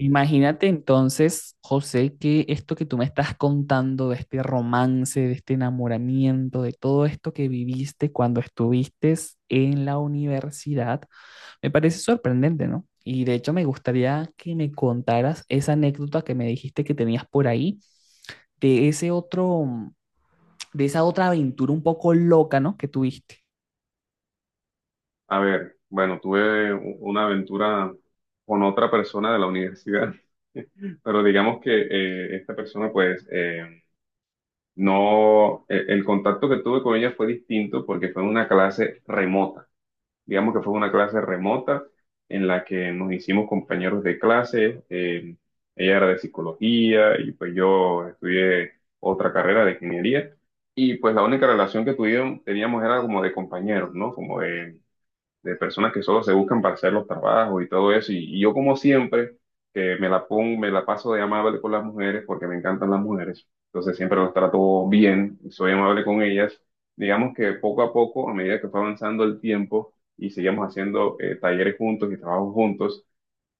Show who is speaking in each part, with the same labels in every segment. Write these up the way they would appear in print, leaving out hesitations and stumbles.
Speaker 1: Imagínate entonces, José, que esto que tú me estás contando de este romance, de este enamoramiento, de todo esto que viviste cuando estuviste en la universidad, me parece sorprendente, ¿no? Y de hecho me gustaría que me contaras esa anécdota que me dijiste que tenías por ahí, de ese otro, de esa otra aventura un poco loca, ¿no? Que tuviste.
Speaker 2: A ver, bueno, tuve una aventura con otra persona de la universidad, pero digamos que esta persona, pues, no, el contacto que tuve con ella fue distinto porque fue una clase remota. Digamos que fue una clase remota en la que nos hicimos compañeros de clase. Ella era de psicología y pues yo estudié otra carrera de ingeniería. Y pues la única relación que teníamos era como de compañeros, ¿no? Como de personas que solo se buscan para hacer los trabajos y todo eso. Y yo como siempre, que me la pongo, me la paso de amable con las mujeres porque me encantan las mujeres. Entonces siempre las trato bien, soy amable con ellas. Digamos que poco a poco, a medida que fue avanzando el tiempo y seguíamos haciendo talleres juntos y trabajos juntos,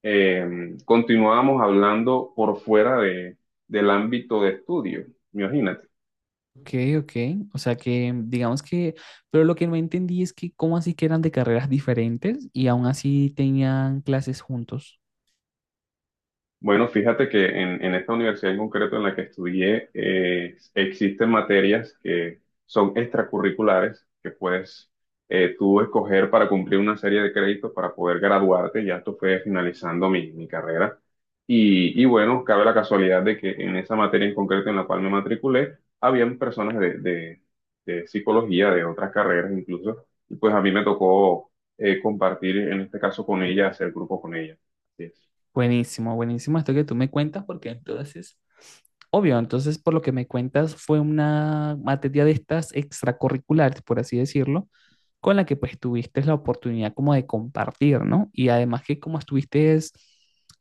Speaker 2: continuábamos hablando por fuera del ámbito de estudio. Imagínate.
Speaker 1: Ok, ok. O sea que digamos que, pero lo que no entendí es que cómo así que eran de carreras diferentes y aún así tenían clases juntos.
Speaker 2: Bueno, fíjate que en esta universidad en concreto en la que estudié, existen materias que son extracurriculares que puedes tú escoger para cumplir una serie de créditos para poder graduarte. Ya esto fue finalizando mi carrera. Y bueno, cabe la casualidad de que en esa materia en concreto en la cual me matriculé, habían personas de psicología, de otras carreras incluso, y pues a mí me tocó compartir en este caso con ella, hacer grupo con ella. Así es.
Speaker 1: Buenísimo, buenísimo esto que tú me cuentas, porque entonces, obvio, entonces por lo que me cuentas fue una materia de estas extracurriculares, por así decirlo, con la que pues tuviste la oportunidad como de compartir, ¿no? Y además que como estuviste, es,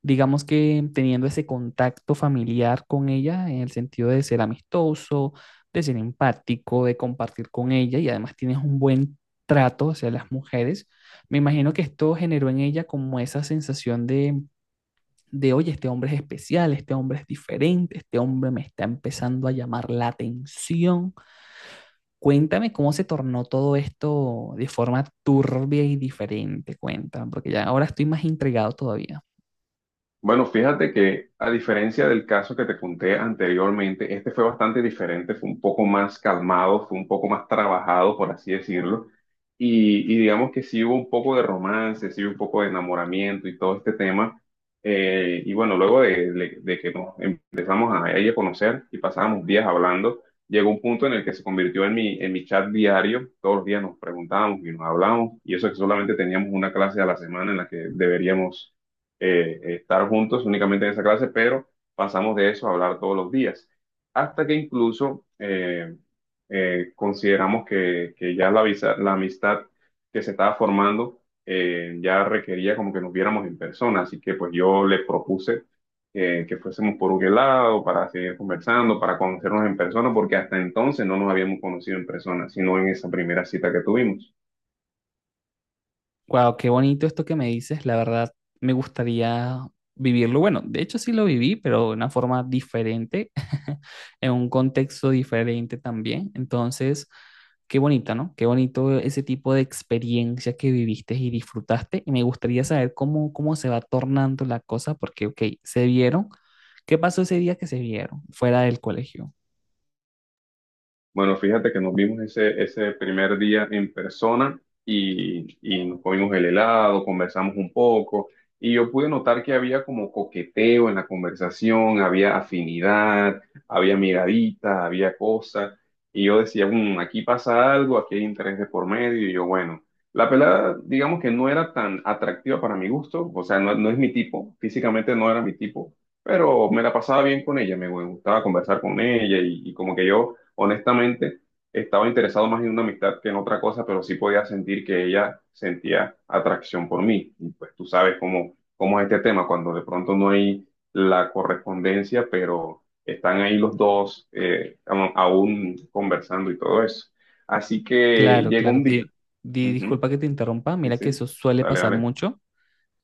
Speaker 1: digamos que teniendo ese contacto familiar con ella en el sentido de ser amistoso, de ser empático, de compartir con ella y además tienes un buen trato hacia las mujeres, me imagino que esto generó en ella como esa sensación de, oye, este hombre es especial, este hombre es diferente, este hombre me está empezando a llamar la atención. Cuéntame cómo se tornó todo esto de forma turbia y diferente, cuéntame, porque ya ahora estoy más intrigado todavía.
Speaker 2: Bueno, fíjate que a diferencia del caso que te conté anteriormente, este fue bastante diferente, fue un poco más calmado, fue un poco más trabajado, por así decirlo, y digamos que sí hubo un poco de romance, sí hubo un poco de enamoramiento y todo este tema. Y bueno, luego de que nos empezamos a, ahí a conocer y pasábamos días hablando, llegó un punto en el que se convirtió en en mi chat diario, todos los días nos preguntábamos y nos hablábamos, y eso que solamente teníamos una clase a la semana en la que deberíamos estar juntos únicamente en esa clase, pero pasamos de eso a hablar todos los días, hasta que incluso consideramos que ya la amistad que se estaba formando ya requería como que nos viéramos en persona, así que pues yo le propuse que fuésemos por un helado para seguir conversando, para conocernos en persona, porque hasta entonces no nos habíamos conocido en persona, sino en esa primera cita que tuvimos.
Speaker 1: Wow, qué bonito esto que me dices. La verdad, me gustaría vivirlo. Bueno, de hecho sí lo viví, pero de una forma diferente, en un contexto diferente también. Entonces, qué bonita, ¿no? Qué bonito ese tipo de experiencia que viviste y disfrutaste. Y me gustaría saber cómo, cómo se va tornando la cosa, porque, ok, se vieron. ¿Qué pasó ese día que se vieron fuera del colegio?
Speaker 2: Bueno, fíjate que nos vimos ese primer día en persona y nos comimos el helado, conversamos un poco y yo pude notar que había como coqueteo en la conversación, había afinidad, había miradita, había cosas y yo decía, aquí pasa algo, aquí hay interés de por medio y yo, bueno, la pelada digamos que no era tan atractiva para mi gusto, o sea, no, no es mi tipo, físicamente no era mi tipo, pero me la pasaba bien con ella, me gustaba conversar con ella y como que yo... Honestamente, estaba interesado más en una amistad que en otra cosa, pero sí podía sentir que ella sentía atracción por mí. Y pues tú sabes cómo, cómo es este tema, cuando de pronto no hay la correspondencia, pero están ahí los dos aún conversando y todo eso. Así que
Speaker 1: Claro,
Speaker 2: llegó
Speaker 1: claro.
Speaker 2: un día. Ujú.
Speaker 1: Disculpa que te interrumpa.
Speaker 2: Sí,
Speaker 1: Mira
Speaker 2: sí.
Speaker 1: que eso suele
Speaker 2: Dale,
Speaker 1: pasar
Speaker 2: dale.
Speaker 1: mucho.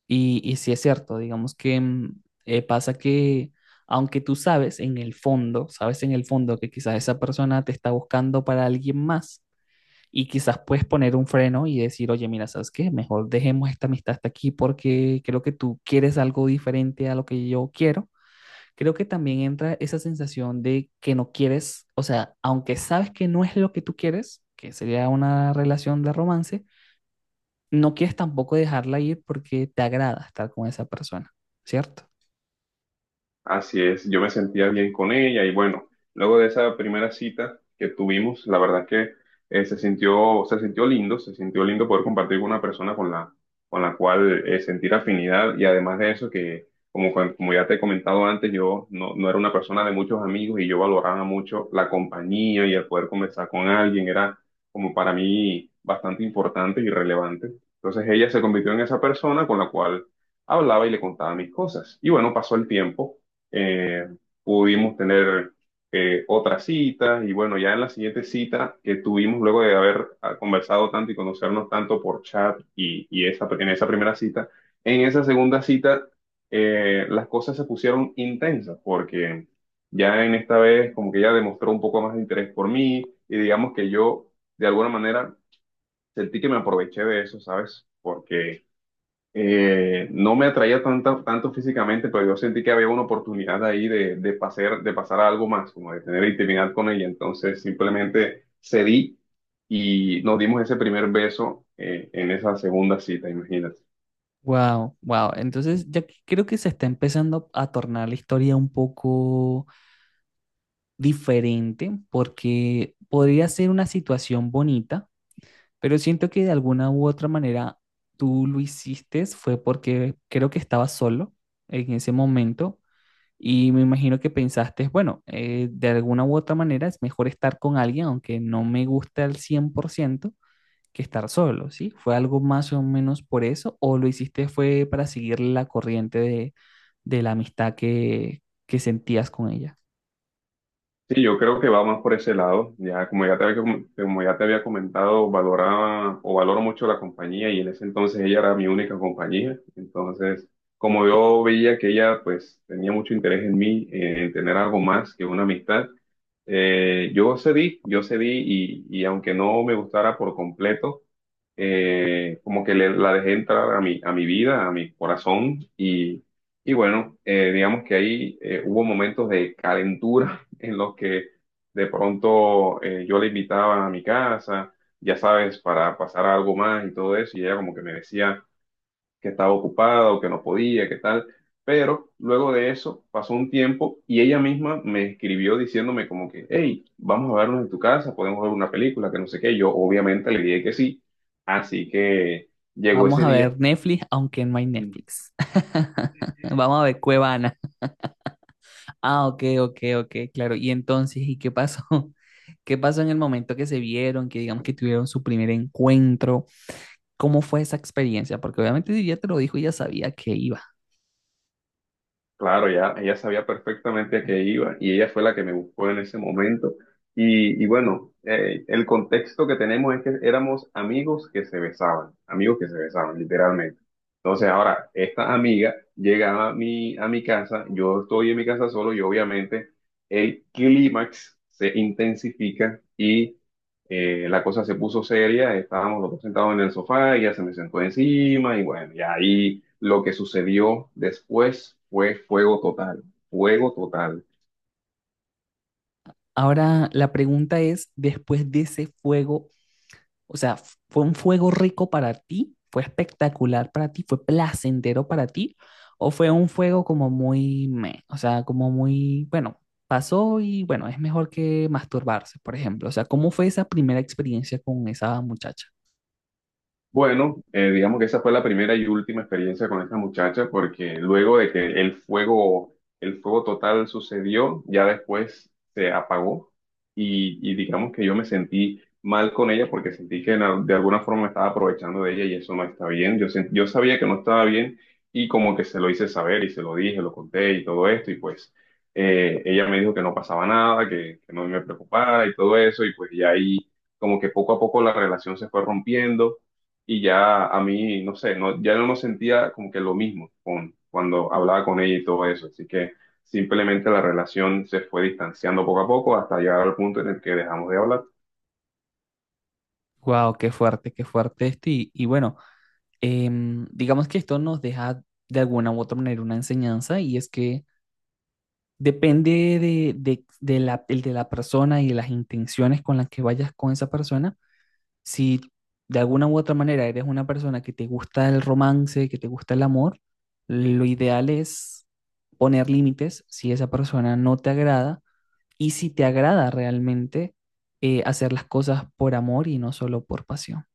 Speaker 1: Y sí es cierto, digamos que pasa que aunque tú sabes en el fondo, sabes en el fondo que quizás esa persona te está buscando para alguien más y quizás puedes poner un freno y decir, oye, mira, ¿sabes qué? Mejor dejemos esta amistad hasta aquí porque creo que tú quieres algo diferente a lo que yo quiero. Creo que también entra esa sensación de que no quieres, o sea, aunque sabes que no es lo que tú quieres, que sería una relación de romance, no quieres tampoco dejarla ir porque te agrada estar con esa persona, ¿cierto?
Speaker 2: Así es, yo me sentía bien con ella y bueno, luego de esa primera cita que tuvimos, la verdad que se sintió lindo poder compartir con una persona con con la cual sentir afinidad y además de eso que, como, como ya te he comentado antes, yo no, no era una persona de muchos amigos y yo valoraba mucho la compañía y el poder conversar con alguien, era como para mí bastante importante y relevante. Entonces ella se convirtió en esa persona con la cual hablaba y le contaba mis cosas. Y bueno, pasó el tiempo eh, pudimos tener otras citas y bueno, ya en la siguiente cita que tuvimos luego de haber conversado tanto y conocernos tanto por chat y en esa primera cita, en esa segunda cita las cosas se pusieron intensas porque ya en esta vez como que ella demostró un poco más de interés por mí y digamos que yo de alguna manera sentí que me aproveché de eso, ¿sabes? Porque no me atraía tanto, tanto físicamente, pero yo sentí que había una oportunidad ahí de pasar a algo más, como de tener intimidad con ella. Entonces simplemente cedí y nos dimos ese primer beso en esa segunda cita, imagínate.
Speaker 1: Wow, wow. Entonces ya que, creo que se está empezando a tornar la historia un poco diferente porque podría ser una situación bonita, pero siento que de alguna u otra manera tú lo hiciste fue porque creo que estabas solo en ese momento y me imagino que pensaste, bueno, de alguna u otra manera es mejor estar con alguien aunque no me gusta al 100% que estar solo, ¿sí? ¿Fue algo más o menos por eso o lo hiciste fue para seguir la corriente de la amistad que sentías con ella?
Speaker 2: Sí, yo creo que va más por ese lado. Ya, como ya te había, como ya te había comentado, valoraba o valoro mucho la compañía y en ese entonces ella era mi única compañía. Entonces, como yo veía que ella pues tenía mucho interés en mí, en tener algo más que una amistad, yo cedí y aunque no me gustara por completo, como que la dejé entrar a a mi vida, a mi corazón y bueno, digamos que ahí hubo momentos de calentura en los que de pronto yo la invitaba a mi casa, ya sabes, para pasar algo más y todo eso, y ella como que me decía que estaba ocupada o que no podía, que tal. Pero luego de eso pasó un tiempo y ella misma me escribió diciéndome como que, hey, vamos a vernos en tu casa, podemos ver una película, que no sé qué. Yo obviamente le dije que sí, así que llegó
Speaker 1: Vamos
Speaker 2: ese
Speaker 1: a
Speaker 2: día.
Speaker 1: ver Netflix, aunque no hay
Speaker 2: mm,
Speaker 1: Netflix. Vamos a ver Cuevana. Ah, ok, ok, ok, claro. Y entonces, ¿y qué pasó? ¿Qué pasó en el momento que se vieron, que digamos que tuvieron su primer encuentro? ¿Cómo fue esa experiencia? Porque obviamente si ya te lo dijo, ya sabía que iba.
Speaker 2: Claro, ya, ella sabía perfectamente a qué iba y ella fue la que me buscó en ese momento. Y bueno, el contexto que tenemos es que éramos amigos que se besaban, amigos que se besaban, literalmente. Entonces ahora, esta amiga llega a a mi casa, yo estoy en mi casa solo y obviamente el clímax se intensifica y la cosa se puso seria, estábamos los dos sentados en el sofá, ella se me sentó encima y bueno, y ahí lo que sucedió después fue fuego total, fuego total.
Speaker 1: Ahora, la pregunta es, después de ese fuego, o sea, fue un fuego rico para ti, fue espectacular para ti, fue placentero para ti, o fue un fuego como muy, meh, o sea, como muy, bueno, pasó y bueno, es mejor que masturbarse, por ejemplo. O sea, ¿cómo fue esa primera experiencia con esa muchacha?
Speaker 2: Bueno, digamos que esa fue la primera y última experiencia con esta muchacha, porque luego de que el fuego total sucedió, ya después se apagó y digamos que yo me sentí mal con ella porque sentí que en de alguna forma me estaba aprovechando de ella y eso no está bien. Yo, yo sabía que no estaba bien y como que se lo hice saber y se lo dije, lo conté y todo esto y pues ella me dijo que no pasaba nada, que no me preocupara y todo eso y pues ya ahí como que poco a poco la relación se fue rompiendo y ya a mí, no sé, no, ya no me sentía como que lo mismo con, cuando hablaba con ella y todo eso. Así que simplemente la relación se fue distanciando poco a poco hasta llegar al punto en el que dejamos de hablar.
Speaker 1: Wow, qué fuerte esto. Y bueno, em, digamos que esto nos deja de alguna u otra manera una enseñanza y es que depende de la, el de la persona y de las intenciones con las que vayas con esa persona, si de alguna u otra manera eres una persona que te gusta el romance, que te gusta el amor, lo ideal es poner límites si esa persona no te agrada y si te agrada realmente hacer las cosas por amor y no solo por pasión.